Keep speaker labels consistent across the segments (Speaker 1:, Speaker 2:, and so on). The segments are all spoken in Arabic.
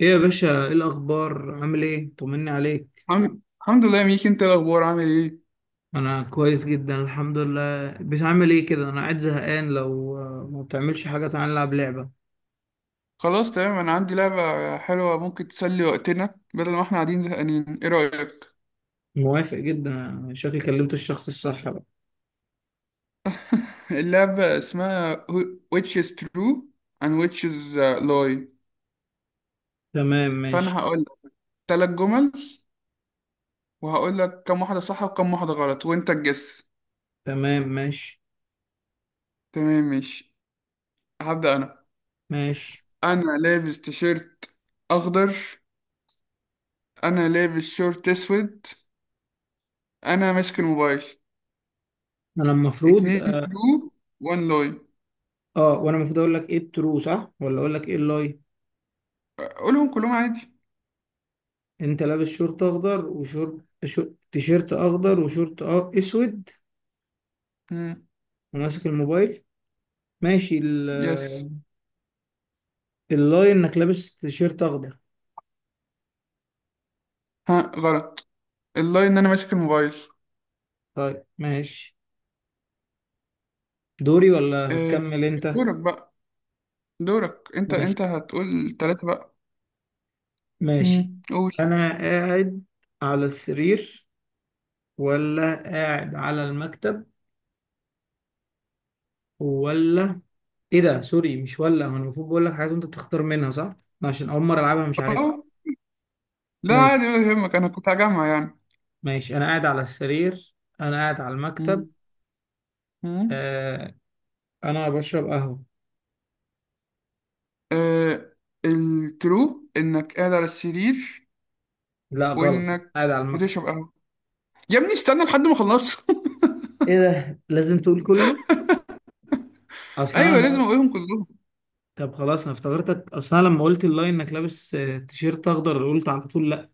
Speaker 1: ايه يا باشا، ايه الاخبار؟ عامل ايه؟ طمني عليك.
Speaker 2: الحمد لله. ميك، انت إيه الاخبار؟ عامل ايه؟
Speaker 1: انا كويس جدا، الحمد لله. بتعمل ايه كده؟ انا قاعد زهقان، لو ما بتعملش حاجه تعالى نلعب لعبه.
Speaker 2: خلاص تمام، انا عندي لعبة حلوة ممكن تسلي وقتنا بدل ما احنا قاعدين زهقانين. ايه رأيك؟
Speaker 1: موافق جدا، شكلي كلمت الشخص الصح بقى.
Speaker 2: اللعبة اسمها which is true and which is lie.
Speaker 1: تمام ماشي.
Speaker 2: فانا هقول لك ثلاث جمل وهقول لك كم واحدة صح وكم واحدة غلط وانت تجس.
Speaker 1: تمام ماشي.
Speaker 2: تمام ماشي. هبدأ انا.
Speaker 1: ماشي
Speaker 2: انا لابس تيشيرت اخضر. انا لابس شورت اسود. انا ماسك الموبايل.
Speaker 1: انا المفروض
Speaker 2: اتنين
Speaker 1: اه.
Speaker 2: true, one lie.
Speaker 1: وانا المفروض اقول لك ايه الترو صح ولا اقول لك ايه اللاي؟
Speaker 2: قولهم كلهم عادي.
Speaker 1: انت لابس شورت اخضر وشورت تيشيرت اخضر وشورت اسود
Speaker 2: مم.
Speaker 1: وماسك الموبايل. ماشي
Speaker 2: يس.
Speaker 1: اللاي انك لابس تيشيرت اخضر.
Speaker 2: ها. غلط. اللاين ان انا ماسك الموبايل.
Speaker 1: طيب ماشي. دوري ولا
Speaker 2: آه،
Speaker 1: هتكمل انت؟
Speaker 2: دورك بقى. دورك انت.
Speaker 1: ماشي.
Speaker 2: انت هتقول ثلاثة بقى.
Speaker 1: ماشي.
Speaker 2: مم. قول.
Speaker 1: انا قاعد على السرير ولا قاعد على المكتب، ولا ايه ده؟ سوري مش ولا، هو انا المفروض بقول لك حاجه وانت بتختار منها صح أنا؟ عشان اول مره العبها مش عارفها.
Speaker 2: اه، لا
Speaker 1: ماشي.
Speaker 2: عادي ولا يهمك. انا كنت هجمع يعني.
Speaker 1: ماشي انا قاعد على السرير. انا قاعد على المكتب.
Speaker 2: مم. مم.
Speaker 1: آه انا بشرب قهوه.
Speaker 2: آه، الترو انك قاعد على السرير
Speaker 1: لا غلط، أنا
Speaker 2: وانك
Speaker 1: قاعد على المكتب.
Speaker 2: بتشرب قهوة. يا ابني استنى لحد ما اخلص.
Speaker 1: ايه ده، لازم تقول كله؟ اصلا
Speaker 2: ايوه لازم
Speaker 1: انا.
Speaker 2: اقولهم كلهم.
Speaker 1: طب خلاص، انا افتكرتك اصلا لما قلت اللاين انك لابس تيشيرت اخضر قلت على طول لا.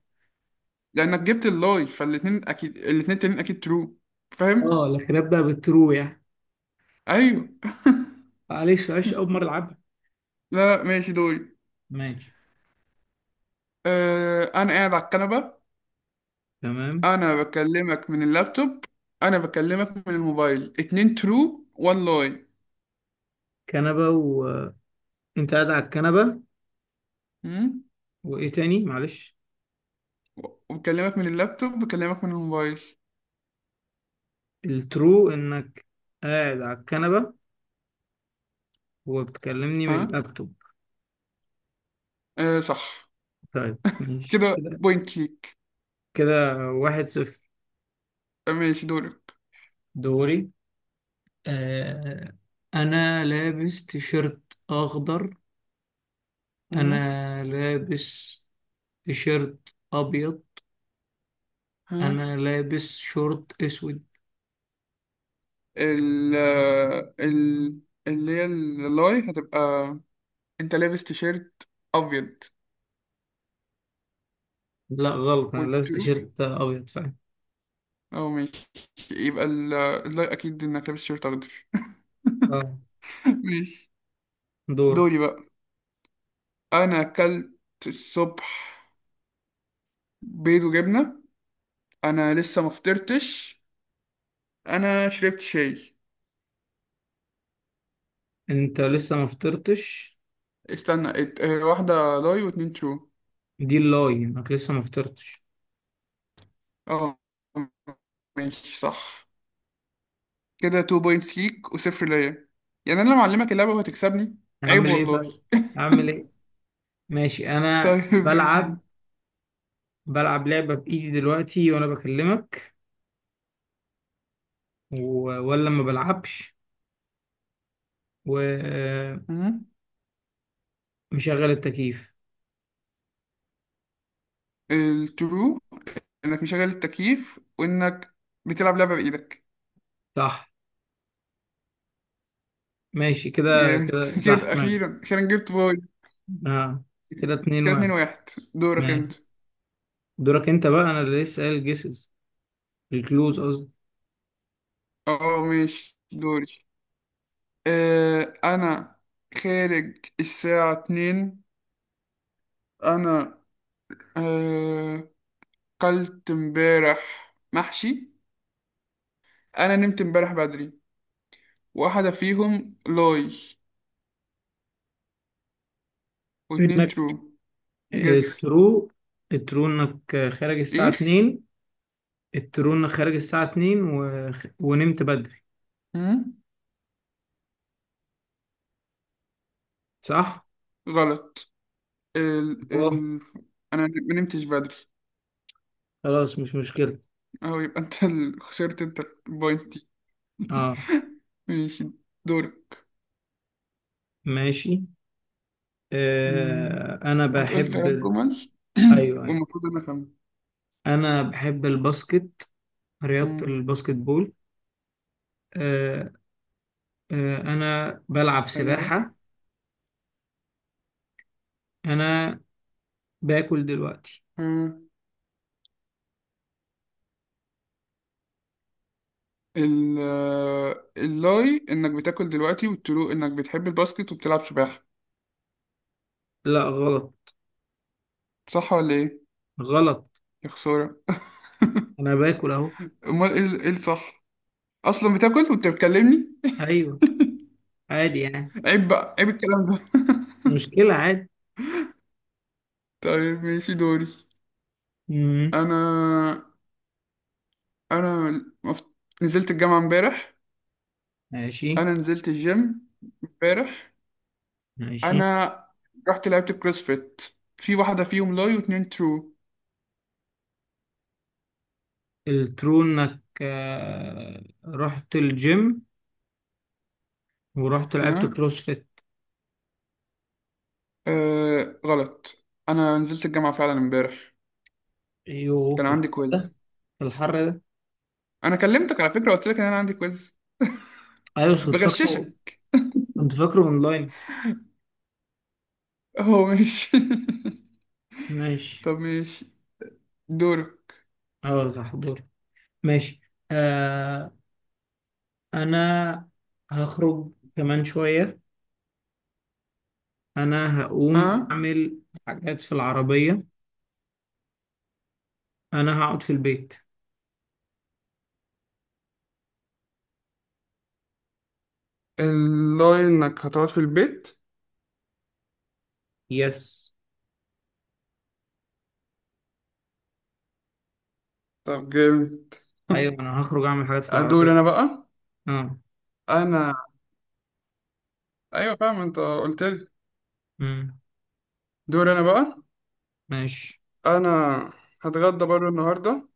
Speaker 2: لانك جبت اللاي فالاتنين اكيد. الاتنين التانيين اكيد ترو. فاهم؟
Speaker 1: اه لكن ابدا بالترو يعني.
Speaker 2: ايوه.
Speaker 1: معلش معلش اول مره العبها.
Speaker 2: لا لا، ماشي. دوري.
Speaker 1: ماشي.
Speaker 2: انا قاعد على الكنبه.
Speaker 1: تمام.
Speaker 2: انا بكلمك من اللابتوب. انا بكلمك من الموبايل. اتنين ترو وان لاي.
Speaker 1: كنبه، وانت قاعد على الكنبه،
Speaker 2: مم؟
Speaker 1: وايه تاني معلش.
Speaker 2: وبكلمك من اللابتوب، بكلمك من الموبايل.
Speaker 1: الترو انك قاعد على الكنبه وبتكلمني من
Speaker 2: ها.
Speaker 1: اللابتوب.
Speaker 2: أه صح.
Speaker 1: طيب ماشي
Speaker 2: كده
Speaker 1: كده.
Speaker 2: بوينت ليك.
Speaker 1: كده واحد صفر.
Speaker 2: ماشي دورك.
Speaker 1: دوري. آه انا لابس تيشيرت اخضر.
Speaker 2: مم.
Speaker 1: انا لابس تيشيرت ابيض.
Speaker 2: ها.
Speaker 1: انا لابس شورت اسود.
Speaker 2: ال آه، ال اللي هي اللاي هتبقى: انت لابس تيشيرت ابيض.
Speaker 1: لا غلط، انا لابس
Speaker 2: والترو،
Speaker 1: تيشيرت ابيض فعلا.
Speaker 2: اه ماشي. يبقى اللاي اكيد انك لابس تيشيرت اخضر.
Speaker 1: اه.
Speaker 2: ماشي.
Speaker 1: دور.
Speaker 2: دوري بقى. انا اكلت الصبح بيض وجبنه. انا لسه ما فطرتش. انا شربت شاي.
Speaker 1: انت لسه ما فطرتش.
Speaker 2: استنى، واحده لاي واتنين ترو.
Speaker 1: دي اللاي انك لسه ما فطرتش.
Speaker 2: اه ماشي صح. كده 2 بوينتس ليك وصفر ليا. يعني انا لما اعلمك اللعبه وهتكسبني؟ عيب
Speaker 1: اعمل ايه
Speaker 2: والله.
Speaker 1: طيب؟ اعمل ايه؟ ماشي انا
Speaker 2: طيب ماشي.
Speaker 1: بلعب. بلعب لعبة بايدي دلوقتي وانا بكلمك و... ولا ما بلعبش، ومشغل
Speaker 2: مم.
Speaker 1: التكييف.
Speaker 2: الترو انك مشغل التكييف وانك بتلعب لعبه بايدك.
Speaker 1: صح ماشي كده.
Speaker 2: جامد.
Speaker 1: كده صح
Speaker 2: كده
Speaker 1: ماشي.
Speaker 2: اخيرا اخيرا جبت بوينت.
Speaker 1: اه. كده اتنين
Speaker 2: كده 2
Speaker 1: واحد.
Speaker 2: 1 دورك انت.
Speaker 1: ماشي. دورك انت بقى. انا اللي لسه قايل جيسز، الكلوز قصدي.
Speaker 2: اه ماشي دوري. أنا خارج الساعة اتنين. أنا آه قلت امبارح محشي. أنا نمت امبارح بدري. واحدة فيهم لاي واتنين
Speaker 1: انك
Speaker 2: ترو. جس.
Speaker 1: الترو. الترو انك خارج الساعة
Speaker 2: إيه؟
Speaker 1: 2. الترو انك خارج الساعة 2 ونمت بدري.
Speaker 2: مم؟
Speaker 1: صح؟
Speaker 2: غلط. ال
Speaker 1: أوه.
Speaker 2: ال أنا ما نمتش بدري.
Speaker 1: خلاص مش مشكلة.
Speaker 2: أهو يبقى أنت خسرت أنت البوينت دي.
Speaker 1: اه
Speaker 2: ماشي. دورك.
Speaker 1: ماشي.
Speaker 2: مم.
Speaker 1: آه انا
Speaker 2: هتقول
Speaker 1: بحب
Speaker 2: تلات جمل.
Speaker 1: ايوه ايوه
Speaker 2: والمفروض أنا أفهم.
Speaker 1: انا بحب الباسكت، رياضة
Speaker 2: مم.
Speaker 1: الباسكت بول. آه. آه انا بلعب
Speaker 2: أيوه.
Speaker 1: سباحة. انا باكل دلوقتي.
Speaker 2: اللاي انك بتاكل دلوقتي، والترو انك بتحب الباسكت وبتلعب سباحة.
Speaker 1: لا غلط.
Speaker 2: صح ولا ايه؟
Speaker 1: غلط.
Speaker 2: يا خسارة.
Speaker 1: انا باكل اهو.
Speaker 2: امال ايه ايه الصح؟ اصلا بتاكل وانت بتكلمني؟
Speaker 1: ايوه، عادي يعني.
Speaker 2: عيب بقى. عيب الكلام ده.
Speaker 1: مش مشكلة عادي.
Speaker 2: طيب ماشي دوري.
Speaker 1: مم.
Speaker 2: انا انا مف... نزلت الجامعة امبارح.
Speaker 1: ماشي.
Speaker 2: انا نزلت الجيم امبارح.
Speaker 1: ماشي
Speaker 2: انا رحت لعبت الكروسفيت. في واحدة فيهم لاي واتنين ترو.
Speaker 1: الترو انك رحت الجيم ورحت لعبت
Speaker 2: ها.
Speaker 1: كروس فيت.
Speaker 2: آه غلط. انا نزلت الجامعة فعلا امبارح.
Speaker 1: ايوه
Speaker 2: كان
Speaker 1: في
Speaker 2: عندي
Speaker 1: الحر ده.
Speaker 2: كويز.
Speaker 1: في الحر ده.
Speaker 2: انا كلمتك على فكره، قلت لك ان انا عندي كويز.
Speaker 1: ايوه بس كنت فاكره.
Speaker 2: بغششك؟
Speaker 1: كنت فاكره اونلاين.
Speaker 2: هو ماشي.
Speaker 1: ماشي.
Speaker 2: طب ماشي. دورك.
Speaker 1: اه ده حضور. ماشي. آه انا هخرج كمان شوية. انا هقوم
Speaker 2: ها.
Speaker 1: اعمل حاجات في العربية. انا هقعد في البيت.
Speaker 2: اللي انك هتقعد في البيت.
Speaker 1: يس.
Speaker 2: طب جامد.
Speaker 1: ايوه انا هخرج اعمل حاجات في
Speaker 2: ادور
Speaker 1: العربية.
Speaker 2: انا بقى.
Speaker 1: اه.
Speaker 2: انا، ايوه فاهم انت قلت لي.
Speaker 1: امم.
Speaker 2: دور انا بقى.
Speaker 1: ماشي.
Speaker 2: انا هتغدى بره النهارده.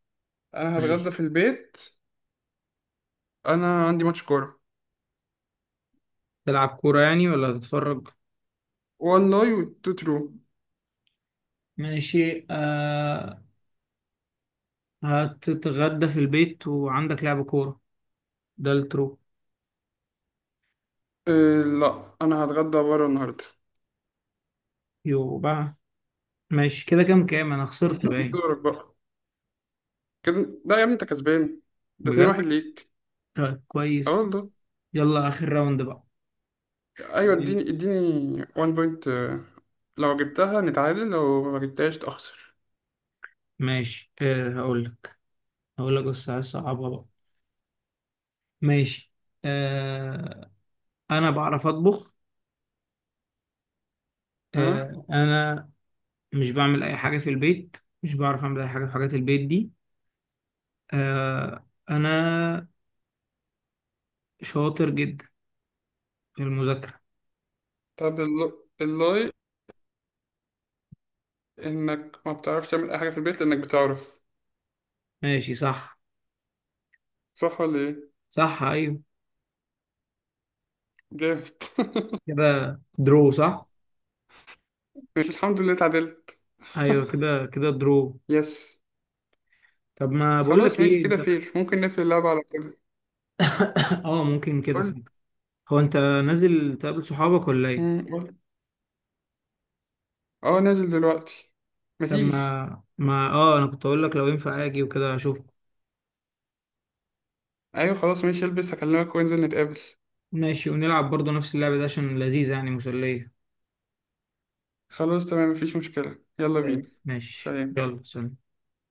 Speaker 2: انا هتغدى
Speaker 1: ماشي.
Speaker 2: في البيت. انا عندي ماتش كوره.
Speaker 1: تلعب كورة يعني ولا هتتفرج؟
Speaker 2: وان لاي وتو ترو.
Speaker 1: ماشي آه. هتتغدى في البيت وعندك لعب كورة، ده الترو.
Speaker 2: إيه لا انا هتغدى بره النهارده.
Speaker 1: يو بقى. ماشي كده، كام كام انا خسرت باين.
Speaker 2: دورك بقى. كده لا يا ابني، انت كسبان. ده 2
Speaker 1: بجد؟
Speaker 2: واحد ليك.
Speaker 1: طيب
Speaker 2: اه
Speaker 1: كويس.
Speaker 2: والله.
Speaker 1: يلا اخر راوند بقى.
Speaker 2: ايوه اديني اديني 1 بوينت. لو جبتها نتعادل، لو ما جبتهاش تخسر.
Speaker 1: ماشي آه هقول لك. هقول لك بس عايز صعبها بقى. ماشي. آه انا بعرف اطبخ.
Speaker 2: ها.
Speaker 1: آه انا مش بعمل اي حاجة في البيت. مش بعرف اعمل اي حاجة في حاجات البيت دي. آه انا شاطر جدا في المذاكرة.
Speaker 2: طب اللاي انك ما بتعرفش تعمل اي حاجه في البيت لانك بتعرف.
Speaker 1: ماشي صح.
Speaker 2: صح ولا ايه؟
Speaker 1: صح ايوه.
Speaker 2: جامد.
Speaker 1: كده درو صح.
Speaker 2: ماشي الحمد لله اتعدلت.
Speaker 1: ايوه كده كده درو.
Speaker 2: يس.
Speaker 1: طب ما بقول
Speaker 2: خلاص
Speaker 1: لك
Speaker 2: ماشي
Speaker 1: ايه
Speaker 2: كده
Speaker 1: انت.
Speaker 2: فير. ممكن نقفل اللعبه على كده.
Speaker 1: اه ممكن كده
Speaker 2: قول.
Speaker 1: فعلا. هو انت نازل تقابل صحابك ولا ايه؟
Speaker 2: مم، قول. اه نازل دلوقتي. ما
Speaker 1: طب
Speaker 2: تيجي.
Speaker 1: ما ما اه انا كنت اقول لك لو ينفع اجي وكده اشوفك.
Speaker 2: ايوه خلاص ماشي. البس، هكلمك وننزل نتقابل.
Speaker 1: ماشي ونلعب برضه نفس اللعبة دي عشان لذيذة يعني مسلية.
Speaker 2: خلاص تمام مفيش مشكله. يلا
Speaker 1: طيب.
Speaker 2: بينا.
Speaker 1: ماشي
Speaker 2: سلام.
Speaker 1: يلا سلام.